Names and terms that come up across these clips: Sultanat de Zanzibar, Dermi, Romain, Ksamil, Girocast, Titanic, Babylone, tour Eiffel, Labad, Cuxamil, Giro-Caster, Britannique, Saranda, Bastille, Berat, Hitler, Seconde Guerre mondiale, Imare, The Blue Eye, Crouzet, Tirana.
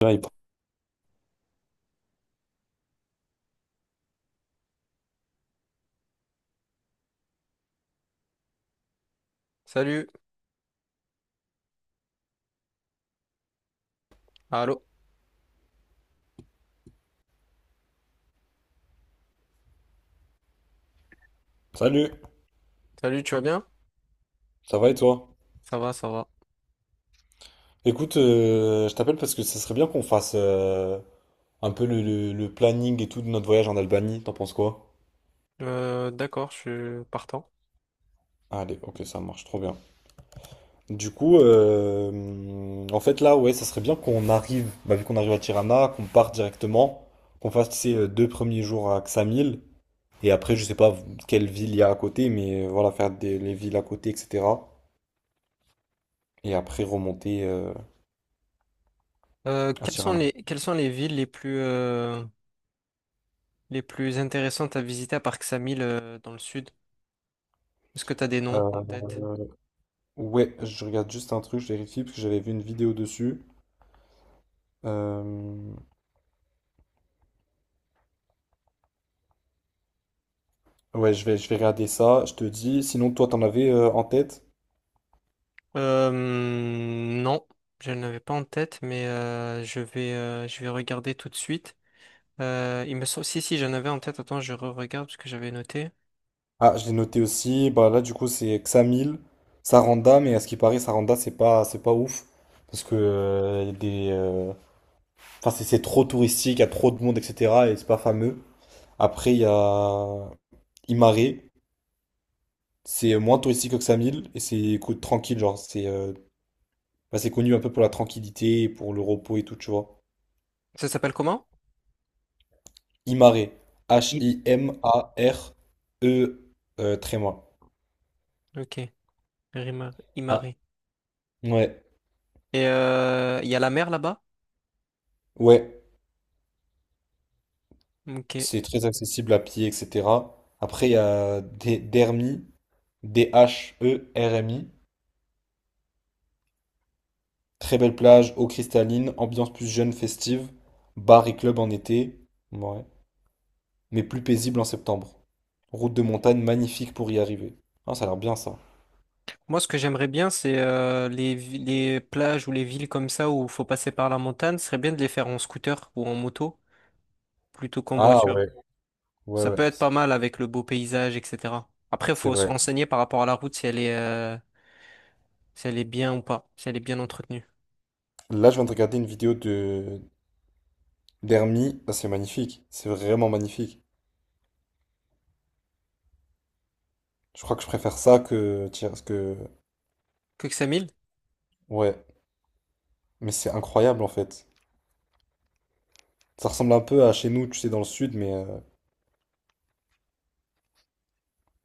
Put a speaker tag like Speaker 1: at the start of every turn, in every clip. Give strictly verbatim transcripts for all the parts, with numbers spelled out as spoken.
Speaker 1: Là, il prend-
Speaker 2: Salut, allô,
Speaker 1: Salut,
Speaker 2: salut, tu vas bien?
Speaker 1: ça va et toi?
Speaker 2: Ça va, ça va.
Speaker 1: Écoute, euh, je t'appelle parce que ça serait bien qu'on fasse euh, un peu le, le- le planning et tout de notre voyage en Albanie, t'en penses quoi?
Speaker 2: Euh, d'accord, je suis partant.
Speaker 1: Allez, ok, ça marche trop bien. Du coup, euh, en fait là, ouais, ça serait bien qu'on arrive, bah, vu qu'on arrive à Tirana, qu'on parte directement, qu'on fasse ces deux premiers jours à Ksamil, et après, je sais pas quelle ville il y a à côté, mais euh, voilà, faire des, les villes à côté, et cetera. Et après remonter euh,
Speaker 2: Euh,
Speaker 1: à
Speaker 2: quelles sont
Speaker 1: Tirana.
Speaker 2: les, quelles sont les villes les plus, euh, les plus intéressantes à visiter à part Ksamil euh, dans le sud? Est-ce que tu as des noms en
Speaker 1: Euh,
Speaker 2: tête?
Speaker 1: Ouais, je regarde juste un truc, je vérifie parce que j'avais vu une vidéo dessus. Euh, Ouais, je vais, je vais regarder ça, je te dis. Sinon, toi, t'en avais euh, en tête?
Speaker 2: Euh, non, je n'avais pas en tête, mais euh, je vais, euh, je vais regarder tout de suite. Euh, il me semble, si, si, j'en avais en tête. Attends, je re-regarde parce que j'avais noté.
Speaker 1: Ah, je l'ai noté aussi. Bah là, du coup, c'est Xamil, Saranda, mais à ce qui paraît, Saranda, c'est pas, c'est pas ouf. Parce que euh, y a des, euh, enfin, c'est c'est trop touristique, il y a trop de monde, et cetera. Et c'est pas fameux. Après, il y a Imare, c'est moins touristique que Xamil, et c'est écoute, tranquille, genre, c'est euh, bah, c'est connu un peu pour la tranquillité, pour le repos et tout, tu vois.
Speaker 2: Ça s'appelle comment?
Speaker 1: Himaré.
Speaker 2: I-
Speaker 1: H-I-M-A-R-E, euh, tréma.
Speaker 2: Ok, Rima-
Speaker 1: Ah,
Speaker 2: Imare.
Speaker 1: ouais,
Speaker 2: Et euh, il y a la mer là-bas?
Speaker 1: ouais,
Speaker 2: Ok.
Speaker 1: c'est très accessible à pied, et cetera. Après, il y a des Dermi, D-H-E-R-M-I. Très belle plage, eau cristalline, ambiance plus jeune, festive, bar et club en été, ouais, mais plus paisible en septembre. Route de montagne magnifique pour y arriver. Ah, ça a l'air bien ça.
Speaker 2: Moi, ce que j'aimerais bien, c'est euh, les, vi- les plages ou les villes comme ça où il faut passer par la montagne, ce serait bien de les faire en scooter ou en moto plutôt qu'en
Speaker 1: Ah
Speaker 2: voiture.
Speaker 1: ouais, ouais,
Speaker 2: Ça peut
Speaker 1: ouais,
Speaker 2: être
Speaker 1: c'est
Speaker 2: pas mal avec le beau paysage, et cetera. Après, il
Speaker 1: c'est
Speaker 2: faut se
Speaker 1: vrai.
Speaker 2: renseigner par rapport à la route si elle est, euh, si elle est bien ou pas, si elle est bien entretenue.
Speaker 1: Là, je viens de regarder une vidéo de d'Hermie. Ah, c'est magnifique, c'est vraiment magnifique. Je crois que je préfère ça que, tiens, parce que,
Speaker 2: Cuxamil?
Speaker 1: ouais, mais c'est incroyable en fait. Ça ressemble un peu à chez nous, tu sais, dans le sud, mais euh,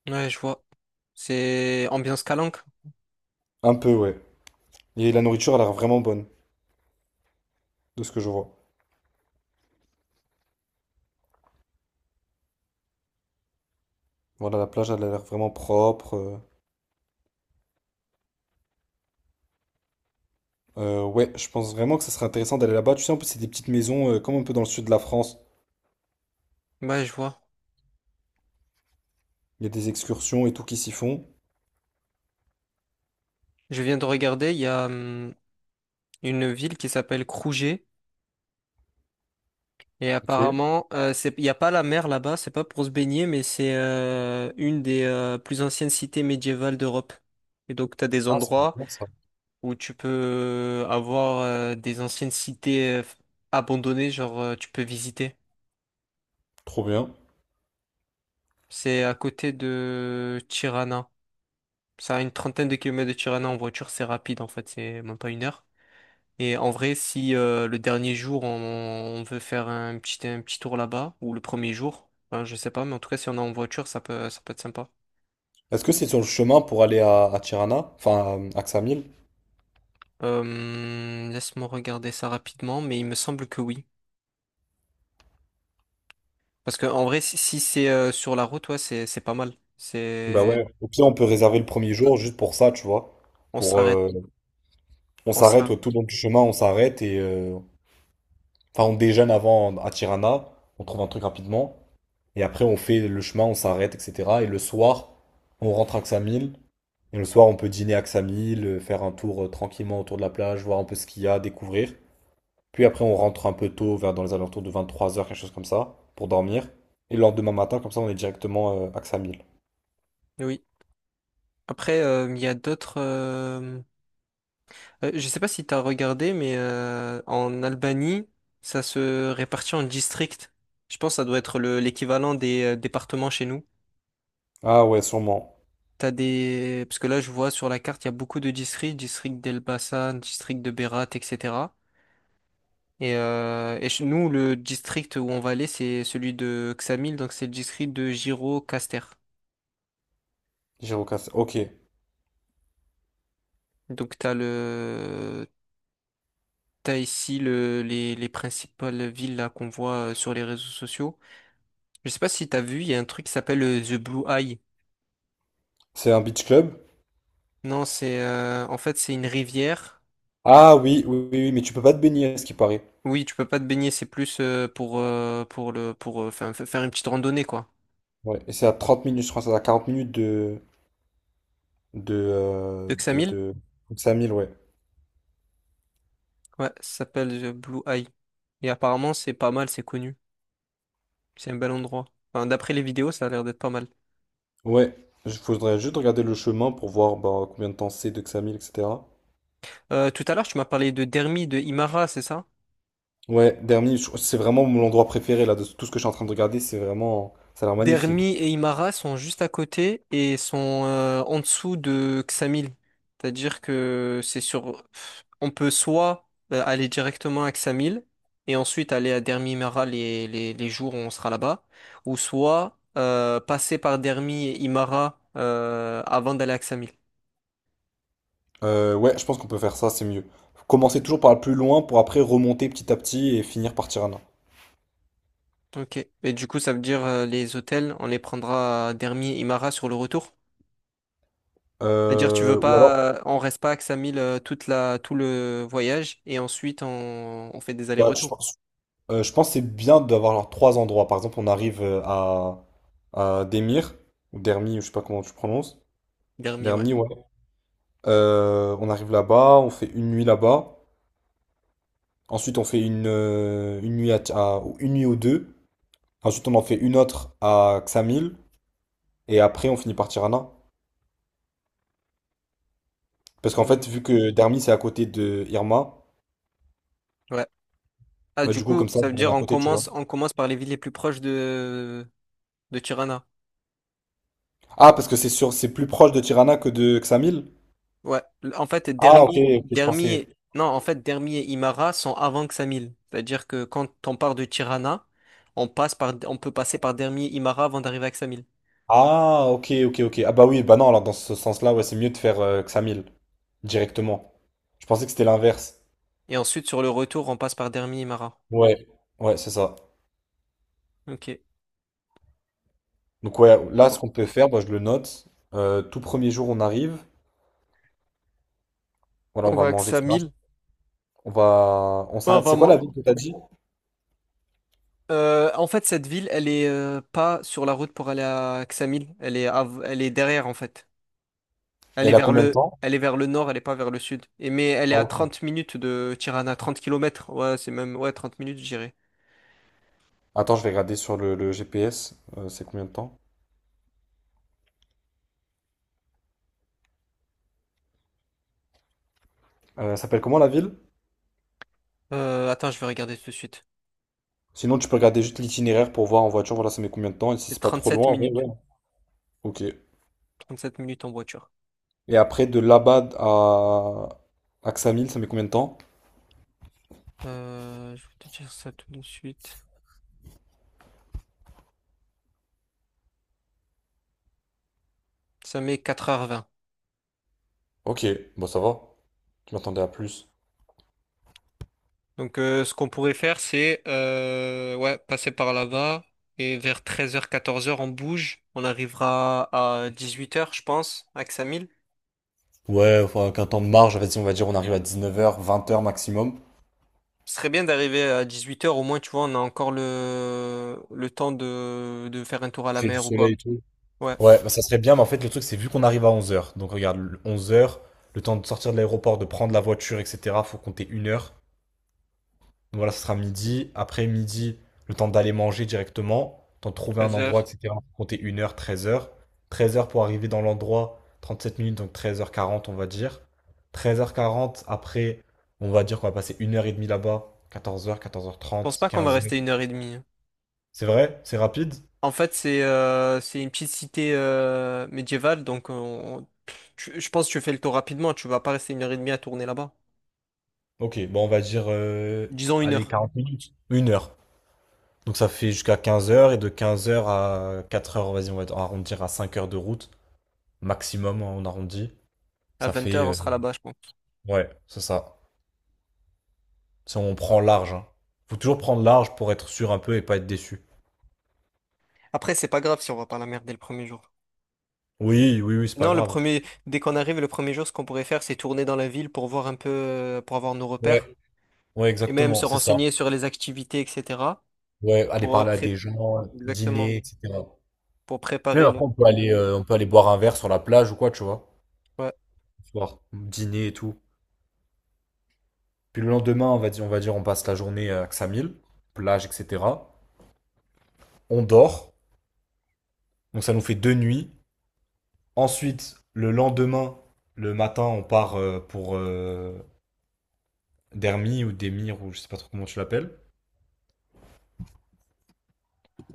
Speaker 2: Ouais, je vois. C'est ambiance Calanque?
Speaker 1: un peu, ouais. Et la nourriture elle a l'air vraiment bonne, de ce que je vois. Voilà, la plage, elle a l'air vraiment propre. euh. Euh, ouais, je pense vraiment que ça serait intéressant d'aller là-bas. Tu sais, en plus, c'est des petites maisons, euh, comme un peu dans le sud de la France.
Speaker 2: Ouais, je vois.
Speaker 1: Il y a des excursions et tout qui s'y font.
Speaker 2: Je viens de regarder, il y a hum, une ville qui s'appelle Crouzet. Et
Speaker 1: Ok.
Speaker 2: apparemment, euh, c'est, il n'y a pas la mer là-bas, c'est pas pour se baigner, mais c'est euh, une des euh, plus anciennes cités médiévales d'Europe. Et donc, tu as des
Speaker 1: Ah, c'est
Speaker 2: endroits
Speaker 1: bien ça.
Speaker 2: où tu peux euh, avoir euh, des anciennes cités euh, abandonnées, genre euh, tu peux visiter.
Speaker 1: Trop bien.
Speaker 2: C'est à côté de Tirana. Ça a une trentaine de kilomètres de Tirana en voiture, c'est rapide en fait, c'est même pas une heure. Et en vrai, si euh, le dernier jour, on, on veut faire un petit, un petit tour là-bas, ou le premier jour, enfin, je sais pas, mais en tout cas, si on est en voiture, ça peut, ça peut être sympa.
Speaker 1: Est-ce que c'est sur le chemin pour aller à, à Tirana, enfin à, à Ksamil?
Speaker 2: Euh, laisse-moi regarder ça rapidement, mais il me semble que oui. Parce que en vrai, si, si c'est euh, sur la route, ouais, c'est, c'est pas mal.
Speaker 1: Bah
Speaker 2: C'est...
Speaker 1: ouais. Au pire, on peut réserver
Speaker 2: Bon,
Speaker 1: le premier jour juste pour ça, tu vois.
Speaker 2: on
Speaker 1: Pour,
Speaker 2: s'arrête,
Speaker 1: euh, On
Speaker 2: on
Speaker 1: s'arrête
Speaker 2: s'arrête.
Speaker 1: ouais, tout le long du chemin, on s'arrête et euh, enfin on déjeune avant à Tirana, on trouve un truc rapidement et après on fait le chemin, on s'arrête, et cetera. Et le soir, on rentre à Ksamil et le soir on peut dîner à Ksamil, euh, faire un tour euh, tranquillement autour de la plage, voir un peu ce qu'il y a, découvrir. Puis après on rentre un peu tôt, vers dans les alentours de vingt-trois heures, quelque chose comme ça, pour dormir. Et le lendemain matin, comme ça on est directement euh, à Ksamil.
Speaker 2: Oui. Après, euh, il y a d'autres... euh, Euh, je sais pas si t'as regardé, mais euh, en Albanie, ça se répartit en districts. Je pense que ça doit être le- l'équivalent des euh, départements chez nous.
Speaker 1: Ah ouais, sûrement.
Speaker 2: T'as des... Parce que là, je vois sur la carte, il y a beaucoup de districts, district d'Elbasan, district de Berat, et cetera. Et, euh, et chez nous, le district où on va aller, c'est celui de Ksamil, donc c'est le district de Giro-Caster.
Speaker 1: Girocast. Ok.
Speaker 2: Donc t'as le... t'as ici le... les... les principales villes là qu'on voit euh, sur les réseaux sociaux. Je sais pas si t'as vu, il y a un truc qui s'appelle euh, The Blue Eye.
Speaker 1: C'est un beach club?
Speaker 2: Non, c'est euh, en fait c'est une rivière.
Speaker 1: Ah oui, oui, oui, oui, mais tu peux pas te baigner, à ce qui paraît.
Speaker 2: Oui, tu peux pas te baigner, c'est plus euh, pour euh, pour le pour euh, faire, faire une petite randonnée quoi.
Speaker 1: Ouais, et c'est à trente minutes, je crois, c'est à quarante minutes de, de, euh,
Speaker 2: De
Speaker 1: de,
Speaker 2: Xamil?
Speaker 1: de Xamil, ouais.
Speaker 2: Ouais, ça s'appelle The Blue Eye. Et apparemment c'est pas mal, c'est connu, c'est un bel endroit. Enfin, d'après les vidéos, ça a l'air d'être pas mal.
Speaker 1: Ouais, il faudrait juste regarder le chemin pour voir bah, combien de temps c'est de Xamil, et cetera.
Speaker 2: Euh, tout à l'heure, tu m'as parlé de Dermi, de Imara, c'est ça?
Speaker 1: Ouais, Dermi, je- c'est vraiment mon endroit préféré là, de tout ce que je suis en train de regarder, c'est vraiment, ça a l'air magnifique.
Speaker 2: Dermi et Imara sont juste à côté et sont euh, en dessous de Xamil. C'est-à-dire que c'est sur... On peut soit euh, aller directement à Xamil et ensuite aller à Dermi Imara les, les, les jours où on sera là-bas, ou soit euh, passer par Dermi et Imara euh, avant d'aller à Xamil.
Speaker 1: Euh, ouais, je pense qu'on peut faire ça, c'est mieux. Commencer toujours par le plus loin pour après remonter petit à petit et finir par Tirana.
Speaker 2: Ok. Et du coup, ça veut dire euh, les hôtels, on les prendra à Dermi et Imara sur le retour? C'est-à-dire, tu veux
Speaker 1: Euh, ou alors,
Speaker 2: pas, euh, on reste pas à Ksamil euh, toute la, tout le voyage et ensuite on, on fait des
Speaker 1: bah, je
Speaker 2: allers-retours.
Speaker 1: pense. Euh, je pense que c'est bien d'avoir genre trois endroits. Par exemple, on arrive euh, à, à Demir, ou Dermi, ou je sais pas comment tu prononces.
Speaker 2: Dermi, ouais.
Speaker 1: Dermi, ouais. Euh, on arrive là-bas, on fait une nuit là-bas. Ensuite, on fait une, euh, une nuit à, Ti- à- ou une nuit ou deux. Ensuite, on en fait une autre à Xamil. Et après, on finit par Tirana. Parce qu'en fait, vu
Speaker 2: Mm.
Speaker 1: que Dermi, c'est à côté de Irma,
Speaker 2: Ouais. Ah,
Speaker 1: ouais,
Speaker 2: du
Speaker 1: du coup,
Speaker 2: coup,
Speaker 1: comme ça,
Speaker 2: ça veut
Speaker 1: on est
Speaker 2: dire
Speaker 1: à
Speaker 2: on
Speaker 1: côté, tu vois.
Speaker 2: commence, on commence par les villes les plus proches de, de Tirana.
Speaker 1: Ah, parce que c'est sûr, c'est plus proche de Tirana que de Xamil?
Speaker 2: Ouais. En fait,
Speaker 1: Ah, ok, ok,
Speaker 2: Dermi,
Speaker 1: je
Speaker 2: Dermi,
Speaker 1: pensais.
Speaker 2: et- non, en fait, Dermi et Imara sont avant Ksamil. C'est-à-dire que quand on part de Tirana, on passe par, on peut passer par Dermi et Imara avant d'arriver à Ksamil.
Speaker 1: Ah, ok, ok, ok. Ah bah oui, bah non, alors dans ce sens-là, ouais, c'est mieux de faire euh, Xamil directement. Je pensais que c'était l'inverse.
Speaker 2: Et ensuite, sur le retour, on passe par Dermi et Imara.
Speaker 1: Ouais. Ouais, c'est ça.
Speaker 2: Ok.
Speaker 1: Donc
Speaker 2: Ok,
Speaker 1: ouais,
Speaker 2: je
Speaker 1: là, ce
Speaker 2: vois.
Speaker 1: qu'on peut faire, bah, je le note. Euh, tout premier jour, on arrive. Voilà, on
Speaker 2: On
Speaker 1: va
Speaker 2: va à
Speaker 1: manger, et cetera.
Speaker 2: Ksamil.
Speaker 1: On va... On
Speaker 2: Ah,
Speaker 1: s'arrête. C'est
Speaker 2: on
Speaker 1: quoi la ville
Speaker 2: va,
Speaker 1: que t'as dit?
Speaker 2: Euh, en fait, cette ville, elle est euh, pas sur la route pour aller à Ksamil. Elle est, av- elle est derrière, en fait. Elle est
Speaker 1: Elle a
Speaker 2: vers
Speaker 1: combien de
Speaker 2: le,
Speaker 1: temps?
Speaker 2: elle est vers le nord, elle est pas vers le sud. Et mais elle est
Speaker 1: Ah,
Speaker 2: à
Speaker 1: ok.
Speaker 2: trente minutes de Tirana, trente kilomètres. Ouais, c'est même, ouais, trente minutes, j'irai.
Speaker 1: Attends, je vais regarder sur le, le G P S. Euh, c'est combien de temps? Euh, elle s'appelle comment la ville?
Speaker 2: Euh, attends, je vais regarder tout de suite.
Speaker 1: Sinon, tu peux regarder juste l'itinéraire pour voir en voiture, voilà, ça met combien de temps. Et si
Speaker 2: C'est
Speaker 1: c'est pas trop
Speaker 2: trente-sept
Speaker 1: loin, en vrai,
Speaker 2: minutes.
Speaker 1: ouais. Ok.
Speaker 2: trente-sept minutes en voiture.
Speaker 1: Et après, de Labad à Axamil, ça met combien de temps?
Speaker 2: Euh, je vais te dire ça tout de suite. Ça met quatre heures vingt.
Speaker 1: Ok, bon, ça va. Je m'attendais à plus.
Speaker 2: Donc, euh, ce qu'on pourrait faire, c'est euh, ouais, passer par là-bas et vers treize heures quatorze heures on bouge. On arrivera à dix-huit heures, je pense, à Ksamil.
Speaker 1: Ouais, enfin, qu'un temps de marge, vas-y, on va dire, on arrive à dix-neuf heures, vingt heures maximum.
Speaker 2: Ce serait bien d'arriver à dix-huit heures au moins, tu vois, on a encore le, le temps de... de faire un tour à la
Speaker 1: J'ai du
Speaker 2: mer ou quoi.
Speaker 1: soleil et tout.
Speaker 2: Ouais,
Speaker 1: Ouais, bah, ça serait bien, mais en fait, le truc, c'est vu qu'on arrive à onze heures. Donc, regarde, onze heures, le temps de sortir de l'aéroport, de prendre la voiture, et cetera, faut compter une heure. Donc voilà, ce sera midi. Après midi, le temps d'aller manger directement, temps de trouver un
Speaker 2: Treize
Speaker 1: endroit,
Speaker 2: heures.
Speaker 1: et cetera. Faut compter une heure treize heures treize heures pour arriver dans l'endroit, trente sept minutes, donc treize heures quarante on va dire. Treize heures quarante après, on va dire qu'on va passer une heure et demie là-bas. Quatorze heures quatorze heures
Speaker 2: Je pense
Speaker 1: trente
Speaker 2: pas qu'on va
Speaker 1: quinze h.
Speaker 2: rester une heure et demie. Hein.
Speaker 1: C'est vrai? C'est rapide?
Speaker 2: En fait, c'est euh, c'est une petite cité euh, médiévale, donc euh, on- tu- je pense que tu fais le tour rapidement, tu vas pas rester une heure et demie à tourner là-bas.
Speaker 1: Ok, bon, on va dire, euh,
Speaker 2: Disons une
Speaker 1: allez,
Speaker 2: heure.
Speaker 1: quarante minutes. Une heure donc ça fait jusqu'à quinze heures et de quinze heures à quatre heures vas-y, on va arrondir à cinq heures de route. Maximum, hein, on arrondit.
Speaker 2: À
Speaker 1: Ça
Speaker 2: vingt
Speaker 1: fait.
Speaker 2: heures on
Speaker 1: euh,
Speaker 2: sera là-bas, je pense.
Speaker 1: Ouais, c'est ça. Si on prend large, hein. Faut toujours prendre large pour être sûr un peu et pas être déçu.
Speaker 2: Après, c'est pas grave si on va pas la merde dès le premier jour.
Speaker 1: Oui, oui, oui, c'est pas
Speaker 2: Non, le
Speaker 1: grave.
Speaker 2: premier, dès qu'on arrive, le premier jour, ce qu'on pourrait faire, c'est tourner dans la ville pour voir un peu, euh, pour avoir nos
Speaker 1: Ouais,
Speaker 2: repères
Speaker 1: ouais,
Speaker 2: et même
Speaker 1: exactement,
Speaker 2: se
Speaker 1: c'est ça.
Speaker 2: renseigner sur les activités, et cetera.
Speaker 1: Ouais, aller
Speaker 2: Pour euh,
Speaker 1: parler à
Speaker 2: pré-
Speaker 1: des gens,
Speaker 2: Exactement,
Speaker 1: dîner, et cetera.
Speaker 2: pour
Speaker 1: Même
Speaker 2: préparer le
Speaker 1: après, on peut aller,
Speaker 2: lendemain.
Speaker 1: euh, on peut aller boire un verre sur la plage ou quoi, tu vois.
Speaker 2: Ouais.
Speaker 1: Le soir, dîner et tout. Puis le lendemain, on va dire, on va dire, on passe la journée à Xamil, plage, et cetera. On dort, donc ça nous fait deux nuits. Ensuite, le lendemain, le matin, on part euh, pour euh, Dermi ou Demir ou je sais pas trop comment tu l'appelles.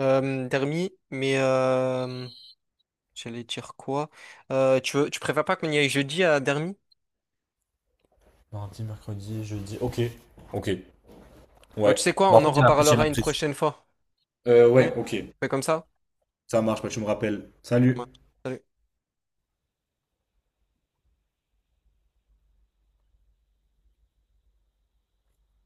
Speaker 2: Euh, Dermi, mais euh, j'allais dire quoi? Euh, tu veux, tu préfères pas qu'on y aille jeudi à Dermi?
Speaker 1: Mardi, mercredi, jeudi. Ok. Ok.
Speaker 2: Bon, tu
Speaker 1: Ouais.
Speaker 2: sais quoi,
Speaker 1: Bah,
Speaker 2: on
Speaker 1: en
Speaker 2: en
Speaker 1: fait, j'ai l'impression. j'ai
Speaker 2: reparlera une
Speaker 1: l'impression-
Speaker 2: prochaine fois.
Speaker 1: Euh,
Speaker 2: Ok
Speaker 1: ouais, ok.
Speaker 2: On fait comme ça?
Speaker 1: Ça marche, bah, tu me rappelles.
Speaker 2: Ouais.
Speaker 1: Salut.
Speaker 2: Salut.